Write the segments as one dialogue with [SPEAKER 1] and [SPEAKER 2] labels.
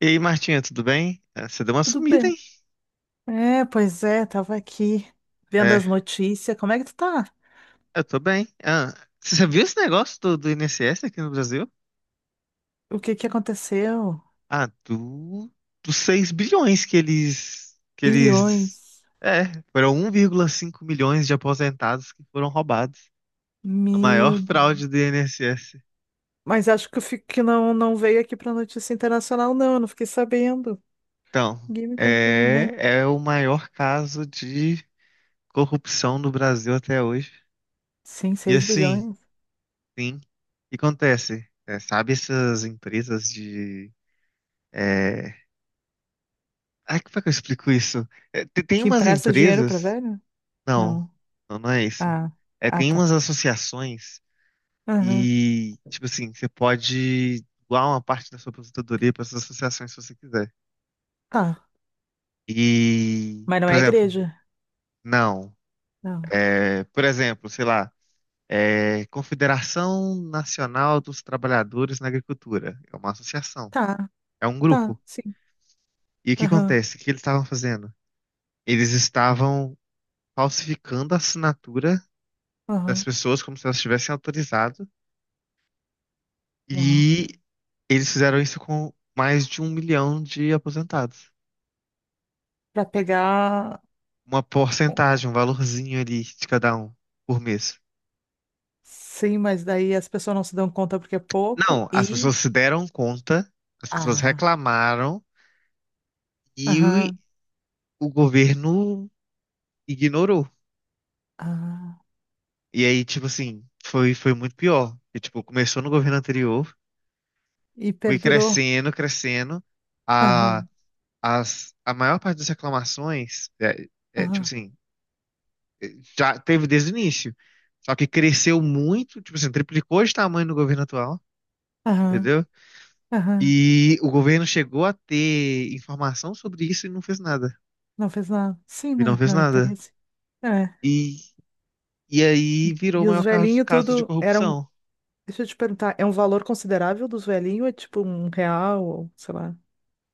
[SPEAKER 1] E aí, Martinha, tudo bem? Ah, você deu uma
[SPEAKER 2] Tudo
[SPEAKER 1] sumida, hein?
[SPEAKER 2] bem. É, pois é, tava aqui vendo
[SPEAKER 1] É,
[SPEAKER 2] as notícias. Como é que tu tá?
[SPEAKER 1] eu tô bem. Ah, você viu esse negócio do INSS aqui no Brasil?
[SPEAKER 2] O que que aconteceu?
[SPEAKER 1] Ah, do, dos 6 bilhões que eles, que eles.
[SPEAKER 2] Bilhões.
[SPEAKER 1] É, foram 1,5 milhões de aposentados que foram roubados. A
[SPEAKER 2] Meu
[SPEAKER 1] maior
[SPEAKER 2] Deus.
[SPEAKER 1] fraude do INSS.
[SPEAKER 2] Mas acho que eu fico que não, não veio aqui pra notícia internacional, não. Eu não fiquei sabendo.
[SPEAKER 1] Então,
[SPEAKER 2] Ninguém me contou,
[SPEAKER 1] é,
[SPEAKER 2] não.
[SPEAKER 1] é o maior caso de corrupção no Brasil até hoje.
[SPEAKER 2] Sim,
[SPEAKER 1] E
[SPEAKER 2] seis
[SPEAKER 1] assim,
[SPEAKER 2] bilhões.
[SPEAKER 1] sim, o que acontece? É, sabe essas empresas de... é, Ai, como é que eu explico isso? É, tem
[SPEAKER 2] Que
[SPEAKER 1] umas
[SPEAKER 2] empresta dinheiro pra
[SPEAKER 1] empresas.
[SPEAKER 2] velho?
[SPEAKER 1] Não,
[SPEAKER 2] Não.
[SPEAKER 1] não, não é isso.
[SPEAKER 2] Ah,
[SPEAKER 1] É,
[SPEAKER 2] ah,
[SPEAKER 1] tem
[SPEAKER 2] tá.
[SPEAKER 1] umas associações
[SPEAKER 2] Aham.
[SPEAKER 1] e, tipo assim, você pode doar uma parte da sua aposentadoria para essas associações se você quiser.
[SPEAKER 2] Tá.
[SPEAKER 1] E,
[SPEAKER 2] Mas não
[SPEAKER 1] por
[SPEAKER 2] é
[SPEAKER 1] exemplo,
[SPEAKER 2] igreja?
[SPEAKER 1] não.
[SPEAKER 2] Não.
[SPEAKER 1] É, por exemplo, sei lá, Confederação Nacional dos Trabalhadores na Agricultura. É uma associação,
[SPEAKER 2] Tá,
[SPEAKER 1] é um
[SPEAKER 2] tá,
[SPEAKER 1] grupo.
[SPEAKER 2] sim.
[SPEAKER 1] E o que
[SPEAKER 2] Aham,
[SPEAKER 1] acontece? O que eles estavam fazendo? Eles estavam falsificando a assinatura das
[SPEAKER 2] aham.
[SPEAKER 1] pessoas como se elas tivessem autorizado.
[SPEAKER 2] Uau.
[SPEAKER 1] E eles fizeram isso com mais de 1 milhão de aposentados.
[SPEAKER 2] Pra pegar.
[SPEAKER 1] Uma porcentagem, um valorzinho ali de cada um por mês.
[SPEAKER 2] Sim, mas daí as pessoas não se dão conta porque é pouco
[SPEAKER 1] Não, as
[SPEAKER 2] e.
[SPEAKER 1] pessoas se deram conta, as pessoas
[SPEAKER 2] Ah,
[SPEAKER 1] reclamaram e
[SPEAKER 2] aham,
[SPEAKER 1] o governo ignorou.
[SPEAKER 2] ah.
[SPEAKER 1] E aí, tipo assim, foi muito pior. E, tipo, começou no governo anterior,
[SPEAKER 2] E
[SPEAKER 1] foi
[SPEAKER 2] perdurou.
[SPEAKER 1] crescendo, crescendo. A,
[SPEAKER 2] Aham,
[SPEAKER 1] a maior parte das reclamações, tipo
[SPEAKER 2] aham,
[SPEAKER 1] assim. Já teve desde o início. Só que cresceu muito, tipo assim, triplicou de tamanho no governo atual,
[SPEAKER 2] aham,
[SPEAKER 1] entendeu?
[SPEAKER 2] aham.
[SPEAKER 1] E o governo chegou a ter informação sobre isso e não fez nada.
[SPEAKER 2] Não fez nada. Sim,
[SPEAKER 1] E não
[SPEAKER 2] né?
[SPEAKER 1] fez
[SPEAKER 2] Não é
[SPEAKER 1] nada.
[SPEAKER 2] interesse. É.
[SPEAKER 1] E, e aí virou o
[SPEAKER 2] E os
[SPEAKER 1] maior caso,
[SPEAKER 2] velhinhos
[SPEAKER 1] caso de
[SPEAKER 2] tudo eram.
[SPEAKER 1] corrupção.
[SPEAKER 2] Deixa eu te perguntar, é um valor considerável dos velhinhos? Ou é tipo um real, ou sei lá.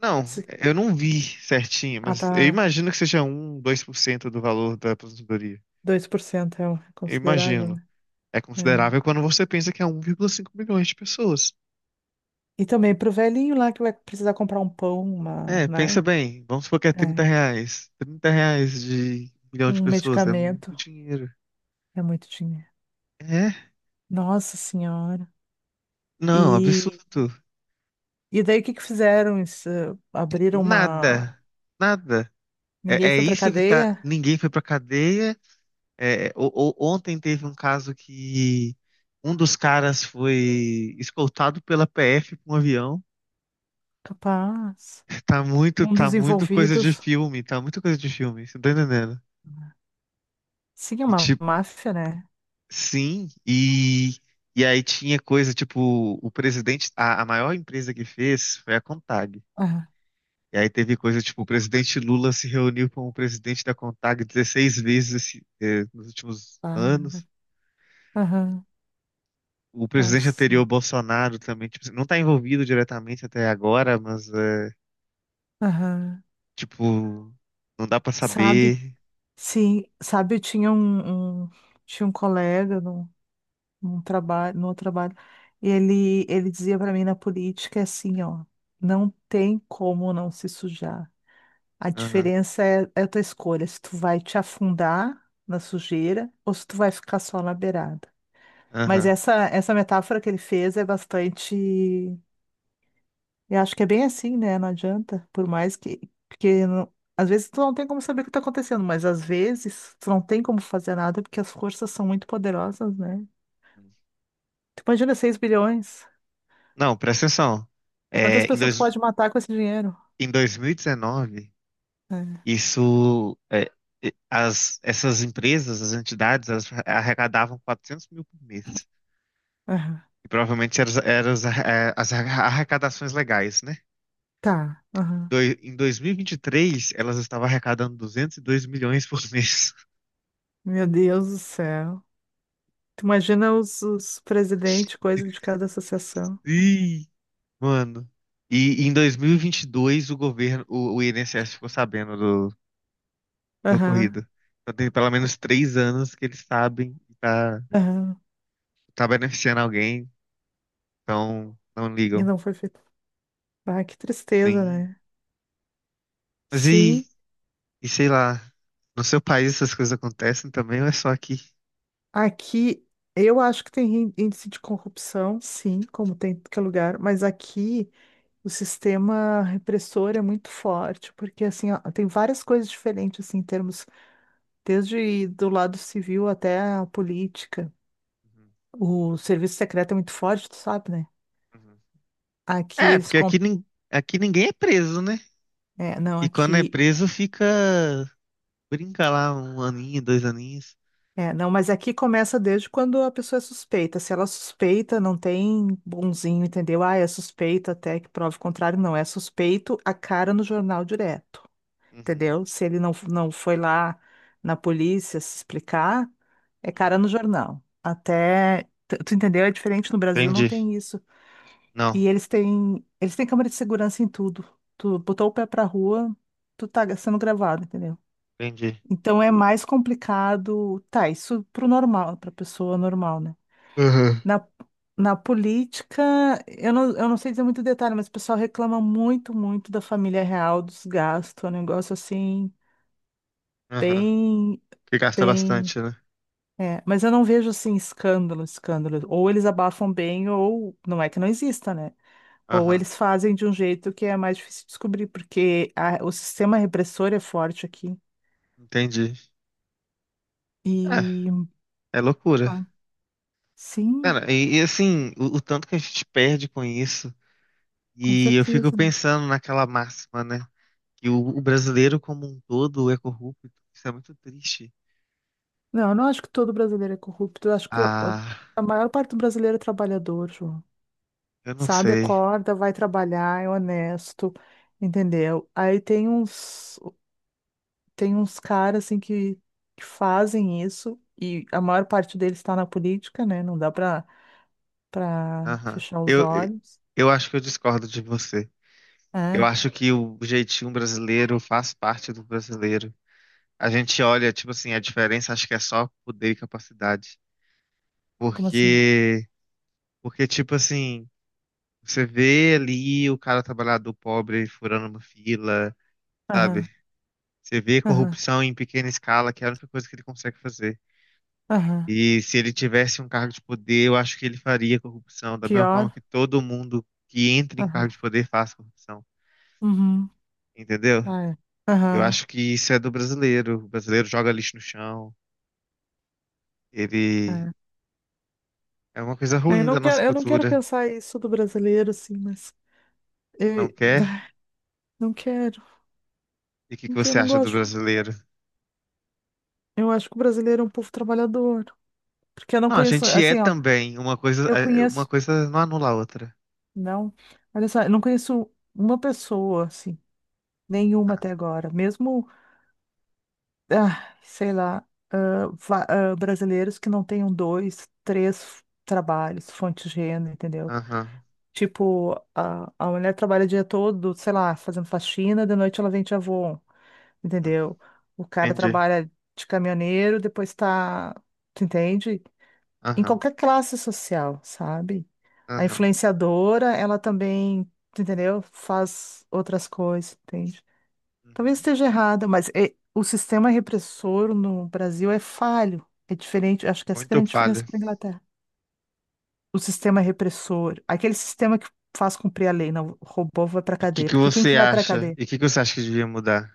[SPEAKER 1] Não,
[SPEAKER 2] Se-
[SPEAKER 1] eu não vi certinho,
[SPEAKER 2] Ah,
[SPEAKER 1] mas eu
[SPEAKER 2] tá.
[SPEAKER 1] imagino que seja um 2% do valor da aposentadoria.
[SPEAKER 2] 2% é
[SPEAKER 1] Eu
[SPEAKER 2] considerável,
[SPEAKER 1] imagino.
[SPEAKER 2] né?
[SPEAKER 1] É considerável
[SPEAKER 2] É.
[SPEAKER 1] quando você pensa que é 1,5 milhões de pessoas.
[SPEAKER 2] E também pro velhinho lá que vai precisar comprar um pão, uma,
[SPEAKER 1] É, pensa
[SPEAKER 2] né?
[SPEAKER 1] bem, vamos supor que é trinta
[SPEAKER 2] É.
[SPEAKER 1] reais. R$ 30 de 1 milhão de
[SPEAKER 2] Um
[SPEAKER 1] pessoas é muito
[SPEAKER 2] medicamento.
[SPEAKER 1] dinheiro.
[SPEAKER 2] É muito dinheiro.
[SPEAKER 1] É?
[SPEAKER 2] Nossa Senhora.
[SPEAKER 1] Não,
[SPEAKER 2] E,
[SPEAKER 1] absurdo.
[SPEAKER 2] e daí o que que fizeram? Isso, abriram uma.
[SPEAKER 1] Nada. Nada. É,
[SPEAKER 2] Ninguém
[SPEAKER 1] é
[SPEAKER 2] foi pra
[SPEAKER 1] isso que tá.
[SPEAKER 2] cadeia?
[SPEAKER 1] Ninguém foi pra cadeia. É, ontem teve um caso que um dos caras foi escoltado pela PF com um avião.
[SPEAKER 2] Capaz.
[SPEAKER 1] Tá muito,
[SPEAKER 2] Um
[SPEAKER 1] tá
[SPEAKER 2] dos
[SPEAKER 1] muito coisa de
[SPEAKER 2] envolvidos.
[SPEAKER 1] filme. Tá muito coisa de filme. Você tá entendendo?
[SPEAKER 2] Sim, é
[SPEAKER 1] E,
[SPEAKER 2] uma
[SPEAKER 1] tipo,
[SPEAKER 2] máfia, né?
[SPEAKER 1] sim, e aí tinha coisa tipo, o presidente, a maior empresa que fez foi a Contag.
[SPEAKER 2] Aham,
[SPEAKER 1] E aí teve coisa tipo, o presidente Lula se reuniu com o presidente da Contag 16 vezes nos últimos
[SPEAKER 2] ah,
[SPEAKER 1] anos.
[SPEAKER 2] aham,
[SPEAKER 1] O presidente
[SPEAKER 2] nossa.
[SPEAKER 1] anterior, Bolsonaro, também, tipo, não está envolvido diretamente até agora, mas
[SPEAKER 2] Aham.
[SPEAKER 1] tipo, não dá para
[SPEAKER 2] Sabe?
[SPEAKER 1] saber.
[SPEAKER 2] Sim, sabe, eu tinha um colega num trabalho, no outro trabalho, e ele dizia pra mim na política é assim, ó, não tem como não se sujar. A
[SPEAKER 1] Aham,
[SPEAKER 2] diferença é a tua escolha, se tu vai te afundar na sujeira ou se tu vai ficar só na beirada. Mas
[SPEAKER 1] aham.
[SPEAKER 2] essa metáfora que ele fez é bastante. Eu acho que é bem assim, né? Não adianta. Por mais que. Porque às vezes tu não tem como saber o que tá acontecendo, mas às vezes tu não tem como fazer nada porque as forças são muito poderosas, né? Tu imagina 6 bilhões.
[SPEAKER 1] Não, presta atenção.
[SPEAKER 2] Quantas
[SPEAKER 1] É, em,
[SPEAKER 2] pessoas tu
[SPEAKER 1] dois,
[SPEAKER 2] pode matar com esse dinheiro?
[SPEAKER 1] em 2019.
[SPEAKER 2] É.
[SPEAKER 1] Isso, essas empresas, as entidades, elas arrecadavam 400 mil por mês.
[SPEAKER 2] Aham.
[SPEAKER 1] E provavelmente eram as arrecadações legais, né?
[SPEAKER 2] Tá. Aham.
[SPEAKER 1] Em 2023 elas estavam arrecadando 202 milhões por mês.
[SPEAKER 2] Meu Deus do céu. Tu imagina os presidentes, coisa de cada associação.
[SPEAKER 1] Ih, mano. E em dois mil e vinte e dois o governo, o INSS ficou sabendo do
[SPEAKER 2] Aham,
[SPEAKER 1] ocorrido. Então tem pelo menos 3 anos que eles sabem que tá,
[SPEAKER 2] aham.
[SPEAKER 1] tá beneficiando alguém, então não
[SPEAKER 2] E
[SPEAKER 1] ligam.
[SPEAKER 2] não foi feito. Ah, que tristeza,
[SPEAKER 1] Sim.
[SPEAKER 2] né?
[SPEAKER 1] Mas
[SPEAKER 2] Sim,
[SPEAKER 1] Sei lá, no seu país essas coisas acontecem também ou é só aqui?
[SPEAKER 2] aqui eu acho que tem índice de corrupção, sim, como tem em qualquer lugar, mas aqui o sistema repressor é muito forte, porque assim, ó, tem várias coisas diferentes assim, em termos, desde do lado civil até a política.
[SPEAKER 1] Uhum,
[SPEAKER 2] O serviço secreto é muito forte, tu sabe, né?
[SPEAKER 1] uhum.
[SPEAKER 2] Aqui
[SPEAKER 1] É,
[SPEAKER 2] eles
[SPEAKER 1] porque
[SPEAKER 2] com...
[SPEAKER 1] aqui ninguém é preso, né?
[SPEAKER 2] É, não,
[SPEAKER 1] E quando é
[SPEAKER 2] aqui.
[SPEAKER 1] preso fica. Brinca lá um aninho, dois aninhos.
[SPEAKER 2] É, não, mas aqui começa desde quando a pessoa é suspeita. Se ela é suspeita, não tem bonzinho, entendeu? Ah, é suspeita até que prove o contrário. Não, é suspeito a cara no jornal direto,
[SPEAKER 1] Uhum,
[SPEAKER 2] entendeu? Se ele não foi lá na polícia se explicar, é cara no
[SPEAKER 1] uhum.
[SPEAKER 2] jornal. Até, tu entendeu? É diferente no Brasil, não
[SPEAKER 1] Entendi.
[SPEAKER 2] tem isso.
[SPEAKER 1] Não,
[SPEAKER 2] E eles têm câmera de segurança em tudo. Tu botou o pé pra rua, tu tá sendo gravado, entendeu?
[SPEAKER 1] entendi.
[SPEAKER 2] Então é mais complicado. Tá, isso pro normal, pra pessoa normal, né?
[SPEAKER 1] Uhum.
[SPEAKER 2] Na, na política, eu não sei dizer muito detalhe, mas o pessoal reclama muito, muito da família real, dos gastos, é um negócio assim,
[SPEAKER 1] Aham.
[SPEAKER 2] bem,
[SPEAKER 1] Que gasta
[SPEAKER 2] bem.
[SPEAKER 1] bastante, né?
[SPEAKER 2] É, mas eu não vejo assim escândalo, escândalo. Ou eles abafam bem, ou não é que não exista, né? Ou
[SPEAKER 1] Aham.
[SPEAKER 2] eles fazem de um jeito que é mais difícil de descobrir, porque o sistema repressor é forte aqui.
[SPEAKER 1] Entendi. É,
[SPEAKER 2] E
[SPEAKER 1] é loucura.
[SPEAKER 2] ah, sim,
[SPEAKER 1] Cara, e assim, o tanto que a gente perde com isso.
[SPEAKER 2] com
[SPEAKER 1] E eu fico
[SPEAKER 2] certeza, né?
[SPEAKER 1] pensando naquela máxima, né? Que o brasileiro como um todo é corrupto. Isso é muito triste.
[SPEAKER 2] Não, eu não acho que todo brasileiro é corrupto. Eu acho que a
[SPEAKER 1] Ah,
[SPEAKER 2] a maior parte do brasileiro é trabalhador, João.
[SPEAKER 1] eu não
[SPEAKER 2] Sabe,
[SPEAKER 1] sei.
[SPEAKER 2] acorda, vai trabalhar, é honesto, entendeu? Aí tem uns, caras assim que fazem isso e a maior parte deles está na política, né? Não dá pra
[SPEAKER 1] Aham.
[SPEAKER 2] fechar os
[SPEAKER 1] Eu,
[SPEAKER 2] olhos.
[SPEAKER 1] eu acho que eu discordo de você. Eu
[SPEAKER 2] É?
[SPEAKER 1] acho que o jeitinho brasileiro faz parte do brasileiro. A gente olha, tipo assim, a diferença acho que é só poder e capacidade.
[SPEAKER 2] Como assim?
[SPEAKER 1] Porque, porque tipo assim, você vê ali o cara trabalhador pobre furando uma fila, sabe?
[SPEAKER 2] Aham,
[SPEAKER 1] Você vê
[SPEAKER 2] aham,
[SPEAKER 1] corrupção em pequena escala, que é a única coisa que ele consegue fazer.
[SPEAKER 2] aham.
[SPEAKER 1] E se ele tivesse um cargo de poder, eu acho que ele faria corrupção, da mesma forma
[SPEAKER 2] Pior?
[SPEAKER 1] que todo mundo que entra em um cargo
[SPEAKER 2] Aham.
[SPEAKER 1] de poder faz corrupção,
[SPEAKER 2] Uhum.
[SPEAKER 1] entendeu?
[SPEAKER 2] Ah, é.
[SPEAKER 1] Eu
[SPEAKER 2] Aham.
[SPEAKER 1] acho que isso é do brasileiro. O brasileiro joga lixo no chão, ele
[SPEAKER 2] É.
[SPEAKER 1] é uma coisa
[SPEAKER 2] Eu
[SPEAKER 1] ruim da
[SPEAKER 2] não quero,
[SPEAKER 1] nossa
[SPEAKER 2] eu não quero
[SPEAKER 1] cultura.
[SPEAKER 2] pensar isso do brasileiro, assim, mas. Eu,
[SPEAKER 1] Não quer?
[SPEAKER 2] ai, não quero,
[SPEAKER 1] E o que que
[SPEAKER 2] não quero,
[SPEAKER 1] você
[SPEAKER 2] não
[SPEAKER 1] acha do
[SPEAKER 2] gosto.
[SPEAKER 1] brasileiro?
[SPEAKER 2] Eu acho que o brasileiro é um povo trabalhador. Porque eu não
[SPEAKER 1] Não, a
[SPEAKER 2] conheço,
[SPEAKER 1] gente é
[SPEAKER 2] assim, ó,
[SPEAKER 1] também uma coisa,
[SPEAKER 2] eu
[SPEAKER 1] uma
[SPEAKER 2] conheço,
[SPEAKER 1] coisa não anula a outra.
[SPEAKER 2] não, olha só, eu não conheço uma pessoa, assim, nenhuma até agora. Mesmo, ah, sei lá, ah, ah, brasileiros que não tenham dois, três trabalhos, fonte de renda, entendeu?
[SPEAKER 1] Aham,
[SPEAKER 2] Tipo, a mulher trabalha o dia todo, sei lá, fazendo faxina, de noite ela vende avô.
[SPEAKER 1] hum,
[SPEAKER 2] Entendeu? O cara
[SPEAKER 1] entendi.
[SPEAKER 2] trabalha de caminhoneiro, depois tá, tu entende? Em
[SPEAKER 1] Aham,
[SPEAKER 2] qualquer classe social, sabe? A
[SPEAKER 1] aham,
[SPEAKER 2] influenciadora, ela também, tu entendeu? Faz outras coisas, entende? Talvez
[SPEAKER 1] uhum.
[SPEAKER 2] esteja errada, mas o sistema repressor no Brasil é falho, é diferente, acho que essa é a
[SPEAKER 1] Muito
[SPEAKER 2] grande diferença
[SPEAKER 1] falha.
[SPEAKER 2] para a Inglaterra. O sistema repressor, aquele sistema que faz cumprir a lei, não, o robô vai para
[SPEAKER 1] E o que
[SPEAKER 2] cadeia,
[SPEAKER 1] que
[SPEAKER 2] porque quem
[SPEAKER 1] você
[SPEAKER 2] que vai para
[SPEAKER 1] acha?
[SPEAKER 2] cadeia?
[SPEAKER 1] E o que que você acha que devia mudar?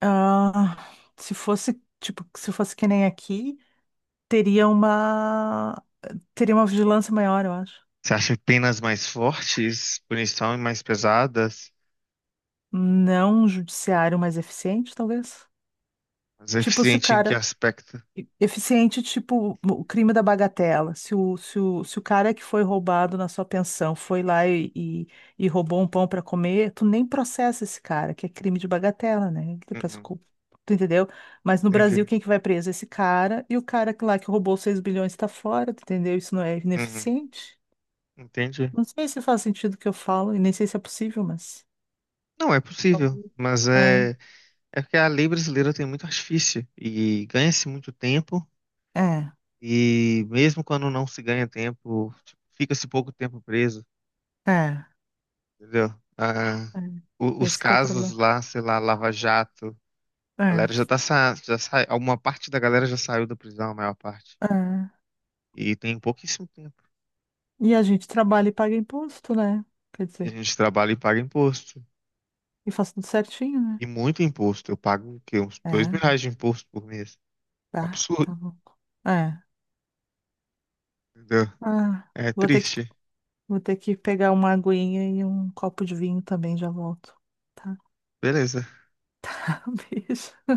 [SPEAKER 2] Ah, se fosse, tipo, se fosse que nem aqui, teria uma teria uma vigilância maior, eu acho.
[SPEAKER 1] Você acha penas mais fortes, punição mais pesadas?
[SPEAKER 2] Não, um judiciário mais eficiente, talvez.
[SPEAKER 1] Mais
[SPEAKER 2] Tipo, se o
[SPEAKER 1] eficiente em que
[SPEAKER 2] cara
[SPEAKER 1] aspecto?
[SPEAKER 2] eficiente, tipo, o crime da bagatela. Se o, cara que foi roubado na sua pensão foi lá e roubou um pão para comer, tu nem processa esse cara, que é crime de bagatela, né?
[SPEAKER 1] Uhum,
[SPEAKER 2] Tu entendeu? Mas no Brasil,
[SPEAKER 1] entendi.
[SPEAKER 2] quem que vai preso? Esse cara e o cara que lá que roubou 6 bilhões tá fora, tu entendeu? Isso não é
[SPEAKER 1] Uhum,
[SPEAKER 2] ineficiente?
[SPEAKER 1] entendi.
[SPEAKER 2] Não sei se faz sentido o que eu falo e nem sei se é possível, mas.
[SPEAKER 1] Não é possível,
[SPEAKER 2] Talvez.
[SPEAKER 1] mas
[SPEAKER 2] É,
[SPEAKER 1] é porque a lei brasileira tem muito artifício e ganha-se muito tempo,
[SPEAKER 2] é,
[SPEAKER 1] e mesmo quando não se ganha tempo, tipo, fica-se pouco tempo preso,
[SPEAKER 2] é,
[SPEAKER 1] entendeu? Ah,
[SPEAKER 2] é.
[SPEAKER 1] os
[SPEAKER 2] Esse que é o
[SPEAKER 1] casos
[SPEAKER 2] problema.
[SPEAKER 1] lá, sei lá, Lava Jato, a
[SPEAKER 2] É,
[SPEAKER 1] galera já sai, uma parte da galera já saiu da prisão, a maior parte.
[SPEAKER 2] é.
[SPEAKER 1] E tem pouquíssimo
[SPEAKER 2] E a gente trabalha e paga imposto, né? Quer
[SPEAKER 1] E a
[SPEAKER 2] dizer,
[SPEAKER 1] gente trabalha e paga imposto.
[SPEAKER 2] e faz tudo certinho, né?
[SPEAKER 1] E muito imposto. Eu pago o quê? Uns dois mil
[SPEAKER 2] É,
[SPEAKER 1] reais de imposto por mês. É um
[SPEAKER 2] tá,
[SPEAKER 1] absurdo.
[SPEAKER 2] tá bom. É.
[SPEAKER 1] Entendeu?
[SPEAKER 2] Ah,
[SPEAKER 1] É
[SPEAKER 2] vou ter que,
[SPEAKER 1] triste.
[SPEAKER 2] vou ter que pegar uma aguinha e um copo de vinho também, já volto. Tá?
[SPEAKER 1] Beleza.
[SPEAKER 2] Beijo.